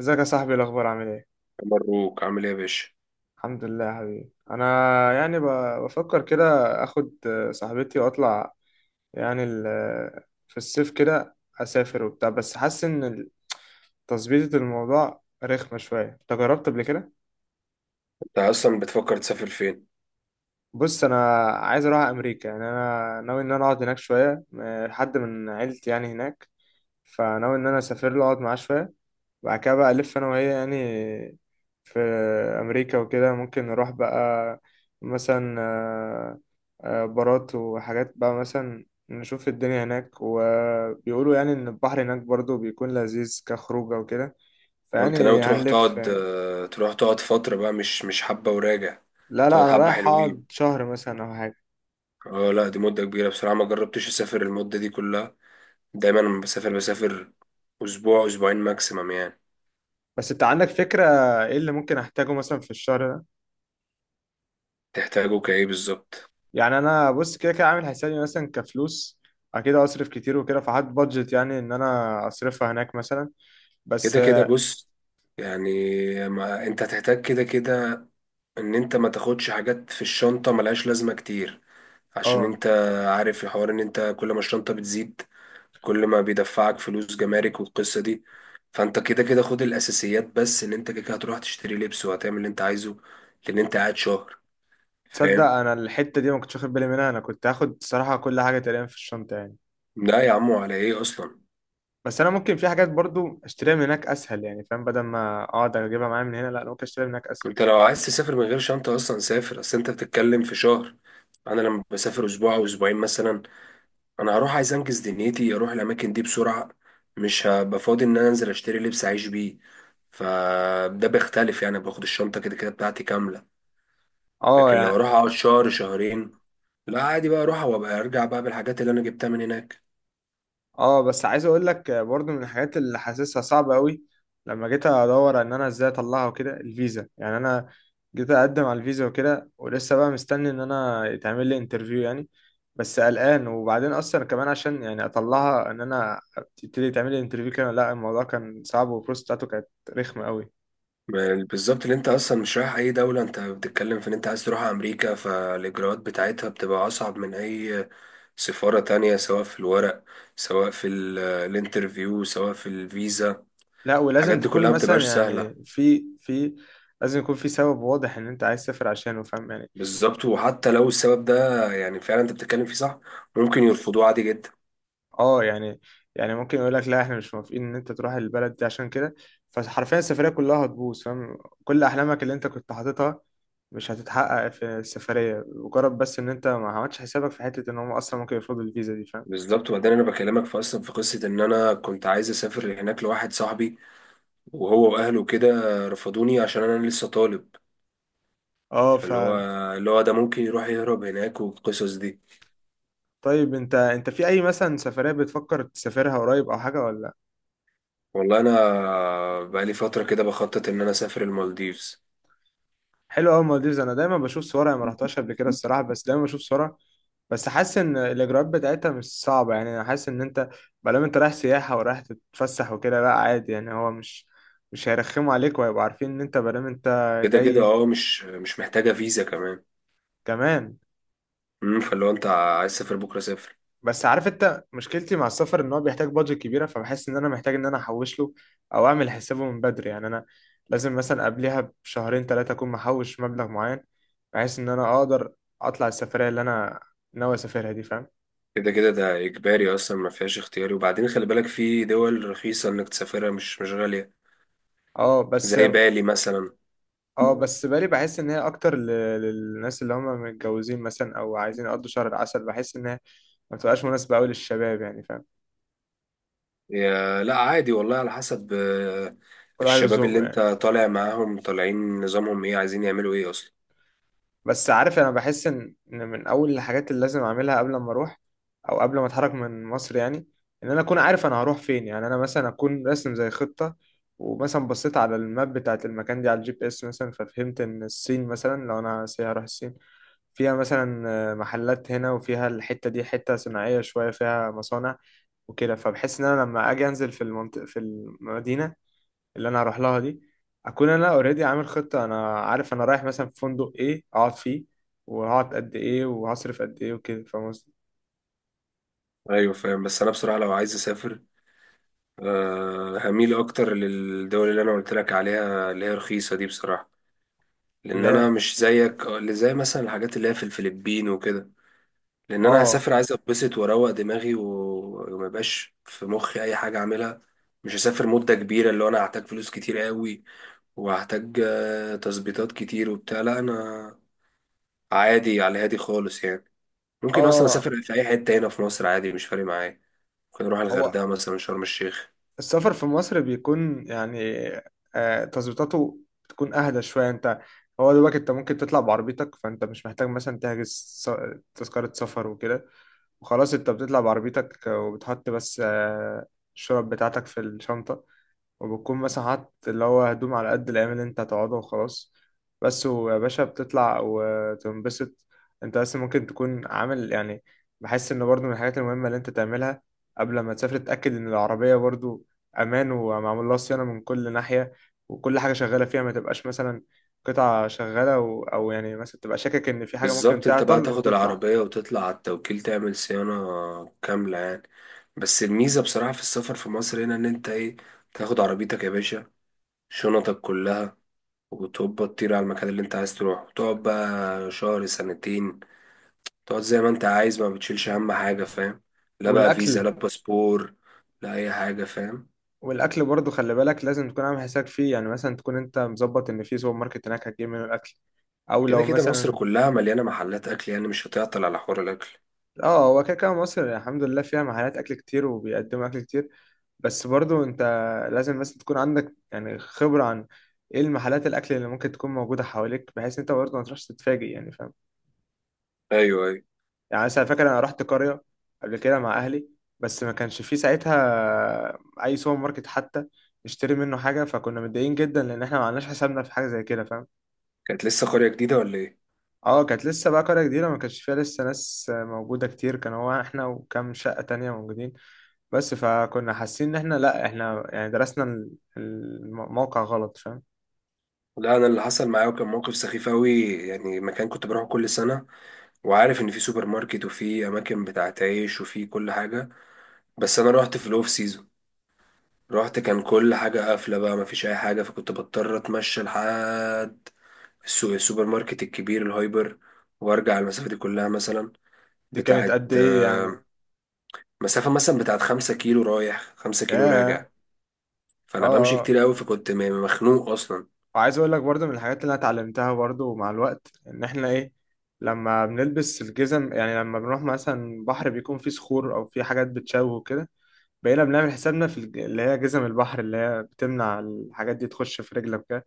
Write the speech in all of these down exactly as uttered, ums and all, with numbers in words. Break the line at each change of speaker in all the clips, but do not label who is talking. ازيك يا صاحبي؟ إيه الاخبار؟ عامل ايه؟
مبروك، عامل ايه يا باشا؟
الحمد لله يا حبيبي. انا يعني ب- بفكر كده اخد صاحبتي واطلع، يعني ال- في الصيف كده اسافر وبتاع، بس حاسس ان تظبيطة الموضوع رخمة شوية. انت جربت قبل كده؟
انت اصلا بتفكر تسافر فين؟
بص، انا عايز اروح امريكا، يعني انا ناوي ان انا اقعد هناك شوية، م- حد من عيلتي يعني هناك، فناوي ان انا اسافر له اقعد معاه شويه وبعد كده بقى الف انا وهي يعني في امريكا وكده، ممكن نروح بقى مثلا آه، آه، بارات وحاجات، بقى مثلا نشوف الدنيا هناك، وبيقولوا يعني ان البحر هناك برضو بيكون لذيذ كخروجه وكده،
انت ناوي
فيعني
تروح
هنلف
تقعد
يعني.
آه، تروح تقعد فتره بقى مش مش حبه وراجع؟
لا
تقعد
لا، انا
حبه
رايح
حلوين.
اقعد شهر مثلا او حاجه.
اه، لا، دي مده كبيره بصراحه، ما جربتش اسافر المده دي كلها. دايما لما بسافر، بسافر اسبوع اسبوعين ماكسيمم يعني.
بس انت عندك فكره ايه اللي ممكن احتاجه مثلا في الشهر ده؟
تحتاجه كايه بالظبط؟
يعني انا بص، كده كده عامل حسابي مثلا كفلوس، اكيد اصرف كتير وكده، فحط بادجت يعني ان انا اصرفها هناك مثلا، بس
كده كده بص، يعني ما انت هتحتاج كده كده ان انت ما تاخدش حاجات في الشنطه ملهاش لازمه كتير، عشان
اه.
انت عارف الحوار ان انت كل ما الشنطه بتزيد كل ما بيدفعك فلوس جمارك والقصة دي، فانت كده كده خد الاساسيات بس، ان انت كده كده هتروح تشتري لبس وهتعمل اللي انت عايزه لان انت قاعد شهر.
تصدق
فاهم؟
انا الحته دي ما كنتش واخد بالي منها، انا كنت هاخد صراحه كل حاجه تقريبا في الشنطه يعني.
لا يا عمو، على ايه اصلا؟
بس انا ممكن في حاجات برضو اشتريها من هناك اسهل يعني، فاهم؟ بدل ما اقعد اجيبها معايا من هنا، لا انا ممكن اشتريها من هناك اسهل.
انت لو عايز تسافر من غير شنطة اصلا، سافر. اصل انت بتتكلم في شهر. انا لما بسافر اسبوع او اسبوعين مثلا، انا هروح عايز انجز دنيتي، اروح الاماكن دي بسرعة. مش هبقى فاضي ان انا انزل اشتري لبس اعيش بيه. فده بيختلف يعني، باخد الشنطة كده كده بتاعتي كاملة. لكن
اه
لو اروح اقعد شهر شهرين، لا عادي بقى، اروح وابقى ارجع بقى بالحاجات اللي انا جبتها من هناك.
اه. بس عايز اقول لك برضو من الحاجات اللي حاسسها صعبة قوي، لما جيت ادور ان انا ازاي اطلعها وكده، الفيزا يعني. انا جيت اقدم على الفيزا وكده ولسه بقى مستني ان انا يتعمل لي انترفيو يعني، بس قلقان. وبعدين اصلا كمان عشان يعني اطلعها ان انا تبتدي تعمل لي انترفيو كده، لا الموضوع كان صعب والبروسس بتاعته كانت رخمة قوي.
ما- بالظبط، اللي انت اصلا مش رايح اي دولة، انت بتتكلم في ان انت عايز تروح امريكا، فالاجراءات بتاعتها بتبقى اصعب من اي سفارة تانية، سواء في الورق سواء في ال- الانترفيو سواء في الفيزا.
لا،
الحاجات
ولازم
دي
تكون
كلها ما
مثلا
بتبقاش سهلة.
يعني في في لازم يكون في سبب واضح ان انت عايز تسافر عشانه، فاهم يعني.
بالظبط، وحتى لو السبب ده يعني فعلا انت بتتكلم فيه صح، ممكن يرفضوه عادي جدا.
اه، يعني يعني ممكن يقول لك لا احنا مش موافقين ان انت تروح البلد دي عشان كده، فحرفيا السفريه كلها هتبوظ، فاهم؟ كل احلامك اللي انت كنت حاططها مش هتتحقق في السفريه، مجرد بس ان انت ما عملتش حسابك في حته ان هم اصلا ممكن يفرضوا الفيزا دي، فاهم؟
بالظبط، وبعدين انا بكلمك في اصلا، في قصه ان انا كنت عايز اسافر هناك لواحد صاحبي، وهو واهله كده رفضوني عشان انا لسه طالب.
اه ف
فاللي هو اللي هو ده ممكن يروح يهرب هناك والقصص دي.
طيب، انت انت في اي مثلا سفريه بتفكر تسافرها قريب او حاجه ولا؟
والله انا بقالي فتره كده بخطط ان انا اسافر المالديفز.
حلو قوي المالديفز، انا دايما بشوف صورها، أنا ما رحتهاش قبل كده الصراحه، بس دايما بشوف صورها. بس حاسس ان الاجراءات بتاعتها مش صعبه، يعني انا حاسس ان انت بلام انت رايح سياحه ورايح تتفسح وكده، لا عادي يعني، هو مش مش هيرخموا عليك وهيبقوا عارفين ان انت بلام انت
كده كده
جاي
اه، مش مش محتاجه فيزا كمان.
كمان.
امم فاللي هو انت عايز تسافر بكره، سافر.
بس عارف انت مشكلتي مع السفر، ان هو بيحتاج بادجت كبيره، فبحس ان انا محتاج ان انا احوش له او اعمل حسابه من بدري، يعني انا لازم مثلا قبلها بشهرين ثلاثه اكون محوش مبلغ معين، بحيث ان انا اقدر اطلع السفريه اللي انا ناوي اسافرها دي، فاهم؟
كده كده ده اجباري اصلا، ما فيهاش اختياري، وبعدين خلي بالك في دول رخيصه انك تسافرها، مش مش غاليه.
اه بس.
زي بالي مثلا.
اه بس بالي بحس ان هي اكتر ل- للناس اللي هم متجوزين مثلا او عايزين يقضوا شهر العسل، بحس ان هي ما بتبقاش مناسبة قوي للشباب يعني، فاهم؟
يا لا عادي والله على حسب. آه،
كل واحد
الشباب اللي
وذوقه
انت
يعني.
طالع معاهم طالعين، نظامهم ايه، عايزين يعملوا ايه اصلا؟
بس عارف، انا بحس ان إن من اول الحاجات اللي لازم اعملها قبل ما اروح او قبل ما اتحرك من مصر يعني، ان انا اكون عارف انا هروح فين، يعني انا مثلا اكون راسم زي خطة، ومثلا بصيت على الماب بتاعت المكان دي على الجي بي اس مثلا، ففهمت ان الصين مثلا، لو انا سي هروح الصين، فيها مثلا آه، محلات هنا، وفيها الحتة دي حتة صناعية شوية فيها مصانع وكده، فبحس ان انا لما اجي انزل في المنطقة في المدينة اللي انا هروح لها دي، اكون انا اوريدي عامل خطة، انا عارف انا رايح مثلا في فندق ايه اقعد فيه، وهقعد قد ايه وهصرف قد ايه وكده، فاهم قصدي؟
ايوه، فاهم. بس انا بصراحه لو عايز اسافر، أه هميل اكتر للدول اللي انا قلت لك عليها اللي هي رخيصه دي بصراحه، لان
اللي
انا
هي
مش زيك، اللي زي مثلا الحاجات اللي هي في الفلبين وكده. لان انا
اه
هسافر عايز اتبسط واروق دماغي و- وما يبقاش في مخي اي حاجه اعملها. مش هسافر مده كبيره، اللي هو انا هحتاج فلوس كتير قوي، وهحتاج آه، تظبيطات كتير وبتاع. لا انا عادي على هادي خالص يعني. ممكن اصلا
اه
اسافر في اي حته هنا في مصر عادي مش فارق معايا. ممكن اروح
هو
الغردقه مثلا، شرم الشيخ.
السفر في مصر بيكون يعني آه، تظبيطاته بتكون اهدى شويه. انت، هو دلوقتي انت ممكن تطلع بعربيتك، فانت مش محتاج مثلا تحجز س- تذكره سفر وكده، وخلاص انت بتطلع بعربيتك، وبتحط بس آه، الشنط بتاعتك في الشنطه، وبتكون مثلا حاطط اللي هو هدوم على قد الأيام اللي أنت هتقعدها وخلاص، بس ويا باشا بتطلع وتنبسط. أنت بس ممكن تكون عامل يعني، بحس إن برضو من الحاجات المهمة اللي أنت تعملها قبل ما تسافر، تتأكد إن العربية برضو أمان ومعمول لها صيانة من كل ناحية، وكل حاجة شغالة فيها، ما تبقاش مثلا قطعة شغالة و... أو يعني مثلا تبقى شاكك إن في حاجة ممكن
بالظبط، انت بقى
تعطل
تاخد
وتطلع.
العربية وتطلع على التوكيل تعمل صيانة كاملة يعني. بس الميزة بصراحة في السفر في مصر هنا، ان انت ايه، تاخد عربيتك يا باشا، شنطك كلها، وتبقى تطير على المكان اللي انت عايز تروح، وتقعد بقى شهر سنتين، تقعد زي ما انت عايز، ما بتشيلش هم حاجة. فاهم؟ لا بقى فيزا
والأكل.
لا باسبور، لا اي حاجة. فاهم؟
والاكل برضو خلي بالك لازم تكون عامل حسابك فيه، يعني مثلا تكون انت مظبط ان في سوبر ماركت هناك هتجيب منه الاكل، او
كده
لو
كده مصر
مثلا.
كلها مليانة محلات اكل يعني، مش هتعطل على حوار الاكل.
اه، هو كده كده مصر الحمد لله فيها محلات اكل كتير وبيقدموا اكل كتير، بس برضو انت لازم بس تكون عندك يعني خبرة عن ايه المحلات الاكل اللي ممكن تكون موجودة حواليك، بحيث انت برضو ما تروحش تتفاجئ يعني، فاهم؟
ايوه، ايوه.
يعني مثلا فاكر انا رحت قرية قبل كده مع اهلي، بس ما كانش في ساعتها اي سوبر ماركت حتى نشتري منه حاجة، فكنا متضايقين جدا لان احنا ما عملناش حسابنا في حاجة زي كده، فاهم؟
كانت لسه قرية جديدة ولا ايه؟
اه، كانت لسه بقى قرية جديدة، ما كانش فيها لسه ناس موجودة كتير، كان هو احنا وكام شقة تانية موجودين بس، فكنا حاسين ان احنا لا احنا يعني درسنا ال- الموقع غلط، فاهم؟
لا، انا اللي حصل معايا وكان موقف سخيف قوي يعني. مكان كنت بروحه كل سنه، وعارف ان في سوبر ماركت وفي اماكن بتاعت عيش وفي كل حاجه، بس انا رحت في الاوف سيزون. رحت كان كل حاجه قافله بقى، مفيش اي حاجه، فكنت بضطر اتمشى لحد السوق، السوبر ماركت الكبير الهايبر، وارجع المسافه دي كلها مثلا
دي كانت
بتاعت
قد ايه يعني؟
آه، مسافه مثلا بتاعت خمسة كيلو رايح خمسة كيلو
ياه.
راجع.
اه
فانا بمشي
اه.
كتير قوي، فكنت م- مخنوق اصلا.
وعايز اقول لك برضو من الحاجات اللي انا اتعلمتها برضو مع الوقت، ان احنا ايه، لما بنلبس الجزم، يعني لما بنروح مثلا بحر بيكون فيه صخور او فيه حاجات بتشوه كده، بقينا بنعمل حسابنا في الج- اللي هي جزم البحر اللي هي بتمنع الحاجات دي تخش في رجلك.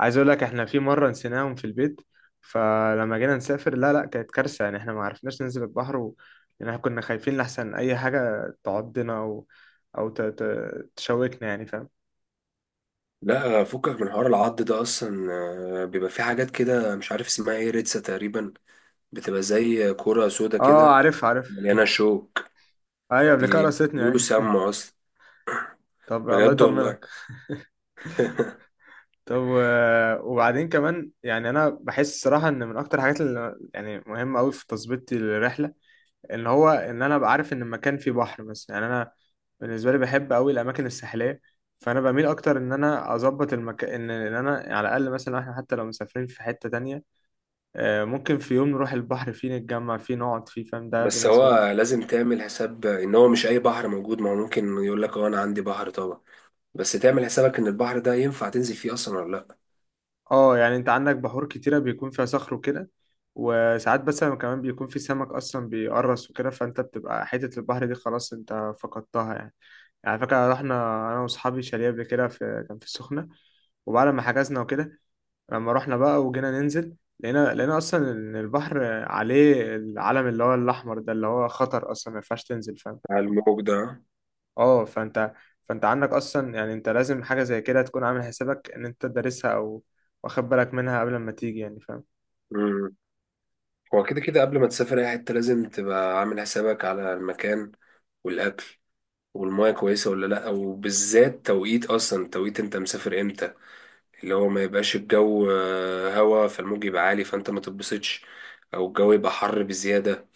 عايز اقول لك احنا في مره نسيناهم في البيت، فلما جينا نسافر لا لا كانت كارثه يعني، احنا ما عرفناش ننزل البحر و... يعني احنا كنا خايفين لحسن اي حاجه تعضنا او او ت... ت... تشوكنا يعني، فاهم؟
لا فكك من حوار العض ده اصلا. آه، بيبقى في حاجات كده مش عارف اسمها ايه، ريتسا تقريبا، بتبقى زي كرة سودا
اه،
كده
عارف عارف.
مليانة شوك.
ايوه قبل كده
دي
رستني،
بيقولوا
ايوه.
سامة اصلا،
طب الله
بجد والله.
يطمنك. طب و... وبعدين كمان يعني انا بحس الصراحه ان من اكتر الحاجات اللي يعني مهمه قوي في تظبيط الرحله، ان هو ان انا ابقى عارف ان المكان فيه بحر مثلا، يعني انا بالنسبه لي بحب قوي الاماكن الساحليه، فانا بميل اكتر ان انا اظبط المكان ان ان انا على الاقل مثلا احنا حتى لو مسافرين في حته تانية آه، ممكن في يوم نروح البحر فيه، نتجمع فيه، نقعد فيه، فاهم؟ ده
بس
بالنسبه لي.
هو لازم تعمل حساب ان هو مش اي بحر موجود، ما هو ممكن يقول لك اه انا عندي بحر طبعا، بس تعمل حسابك ان البحر ده ينفع تنزل فيه اصلا ولا لا.
اه يعني، انت عندك بحور كتيره بيكون فيها صخر وكده، وساعات بس لما كمان بيكون في سمك اصلا بيقرص وكده، فانت بتبقى حته البحر دي خلاص انت فقدتها يعني. يعني على فكره رحنا انا واصحابي شاليه قبل كده في، كان في السخنه، وبعد ما حجزنا وكده، لما رحنا بقى وجينا ننزل لقينا لقينا اصلا ان البحر عليه العلم اللي هو الاحمر ده، اللي هو خطر اصلا ما ينفعش تنزل، فاهم؟
على الموج ده؟
اه، فانت، فانت عندك اصلا يعني انت لازم حاجه زي كده تكون عامل حسابك ان انت دارسها او واخد بالك منها قبل ما تيجي، يعني فاهم؟
امم هو كده كده قبل ما تسافر اي حتة، لازم تبقى عامل حسابك على المكان والاكل والمية كويسة ولا لأ، وبالذات توقيت، أصلا توقيت أنت مسافر إمتى، اللي هو ما يبقاش الجو آه، هوا فالموج يبقى عالي فأنت ما تتبسطش، أو الجو يبقى حر بزيادة،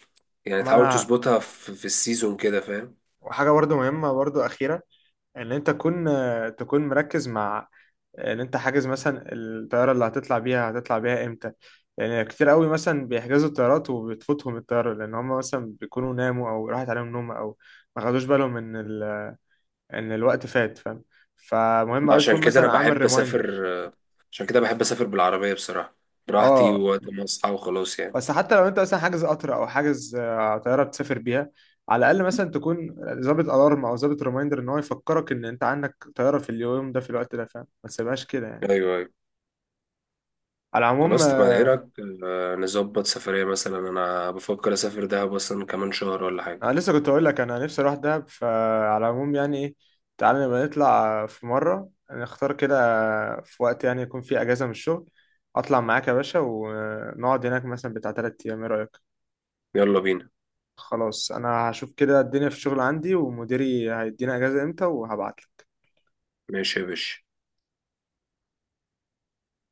يعني
ما
تحاول
انا،
تظبطها في, في السيزون كده. فاهم؟
وحاجه برضو مهمه برضو اخيره، ان انت تكون، تكون مركز مع ان انت حاجز مثلا الطياره اللي هتطلع بيها هتطلع بيها امتى، لان كتير قوي مثلا بيحجزوا الطيارات وبتفوتهم الطياره، لان هم مثلا بيكونوا ناموا او راحت عليهم نوم، او ما خدوش بالهم ان ال... ان الوقت فات، فاهم؟ فمهم قوي تكون
عشان كده أنا
مثلا عامل
بحب
ريمايندر.
أسافر آه، عشان كده بحب أسافر بالعربية بصراحة، براحتي
اه
ووقت ما أصحى وخلاص يعني.
بس حتى لو انت مثلا حاجز قطر او حاجز آه، طياره بتسافر بيها، على الاقل مثلا تكون ظابط الارم او ظابط ريمايندر ان هو يفكرك ان انت عندك طياره في اليوم ده في الوقت ده، فاهم؟ ما تسيبهاش كده يعني.
أيوه، أيوه.
على العموم
خلاص، طب إيه
آه،
رأيك، آه، نظبط سفرية؟ مثلا أنا بفكر أسافر دهب أصلا كمان شهر ولا حاجة.
انا لسه كنت اقول لك انا نفسي اروح دهب، فعلى العموم يعني ايه، تعالى نبقى نطلع في مره، نختار كده في وقت يعني يكون فيه اجازه من الشغل، اطلع معاك يا باشا ونقعد هناك مثلا بتاع تلات ايام، ايه رايك؟
يلا بينا.
خلاص، انا هشوف كده الدنيا في الشغل عندي ومديري هيدينا اجازه امتى وهبعت.
ماشي يا باشا.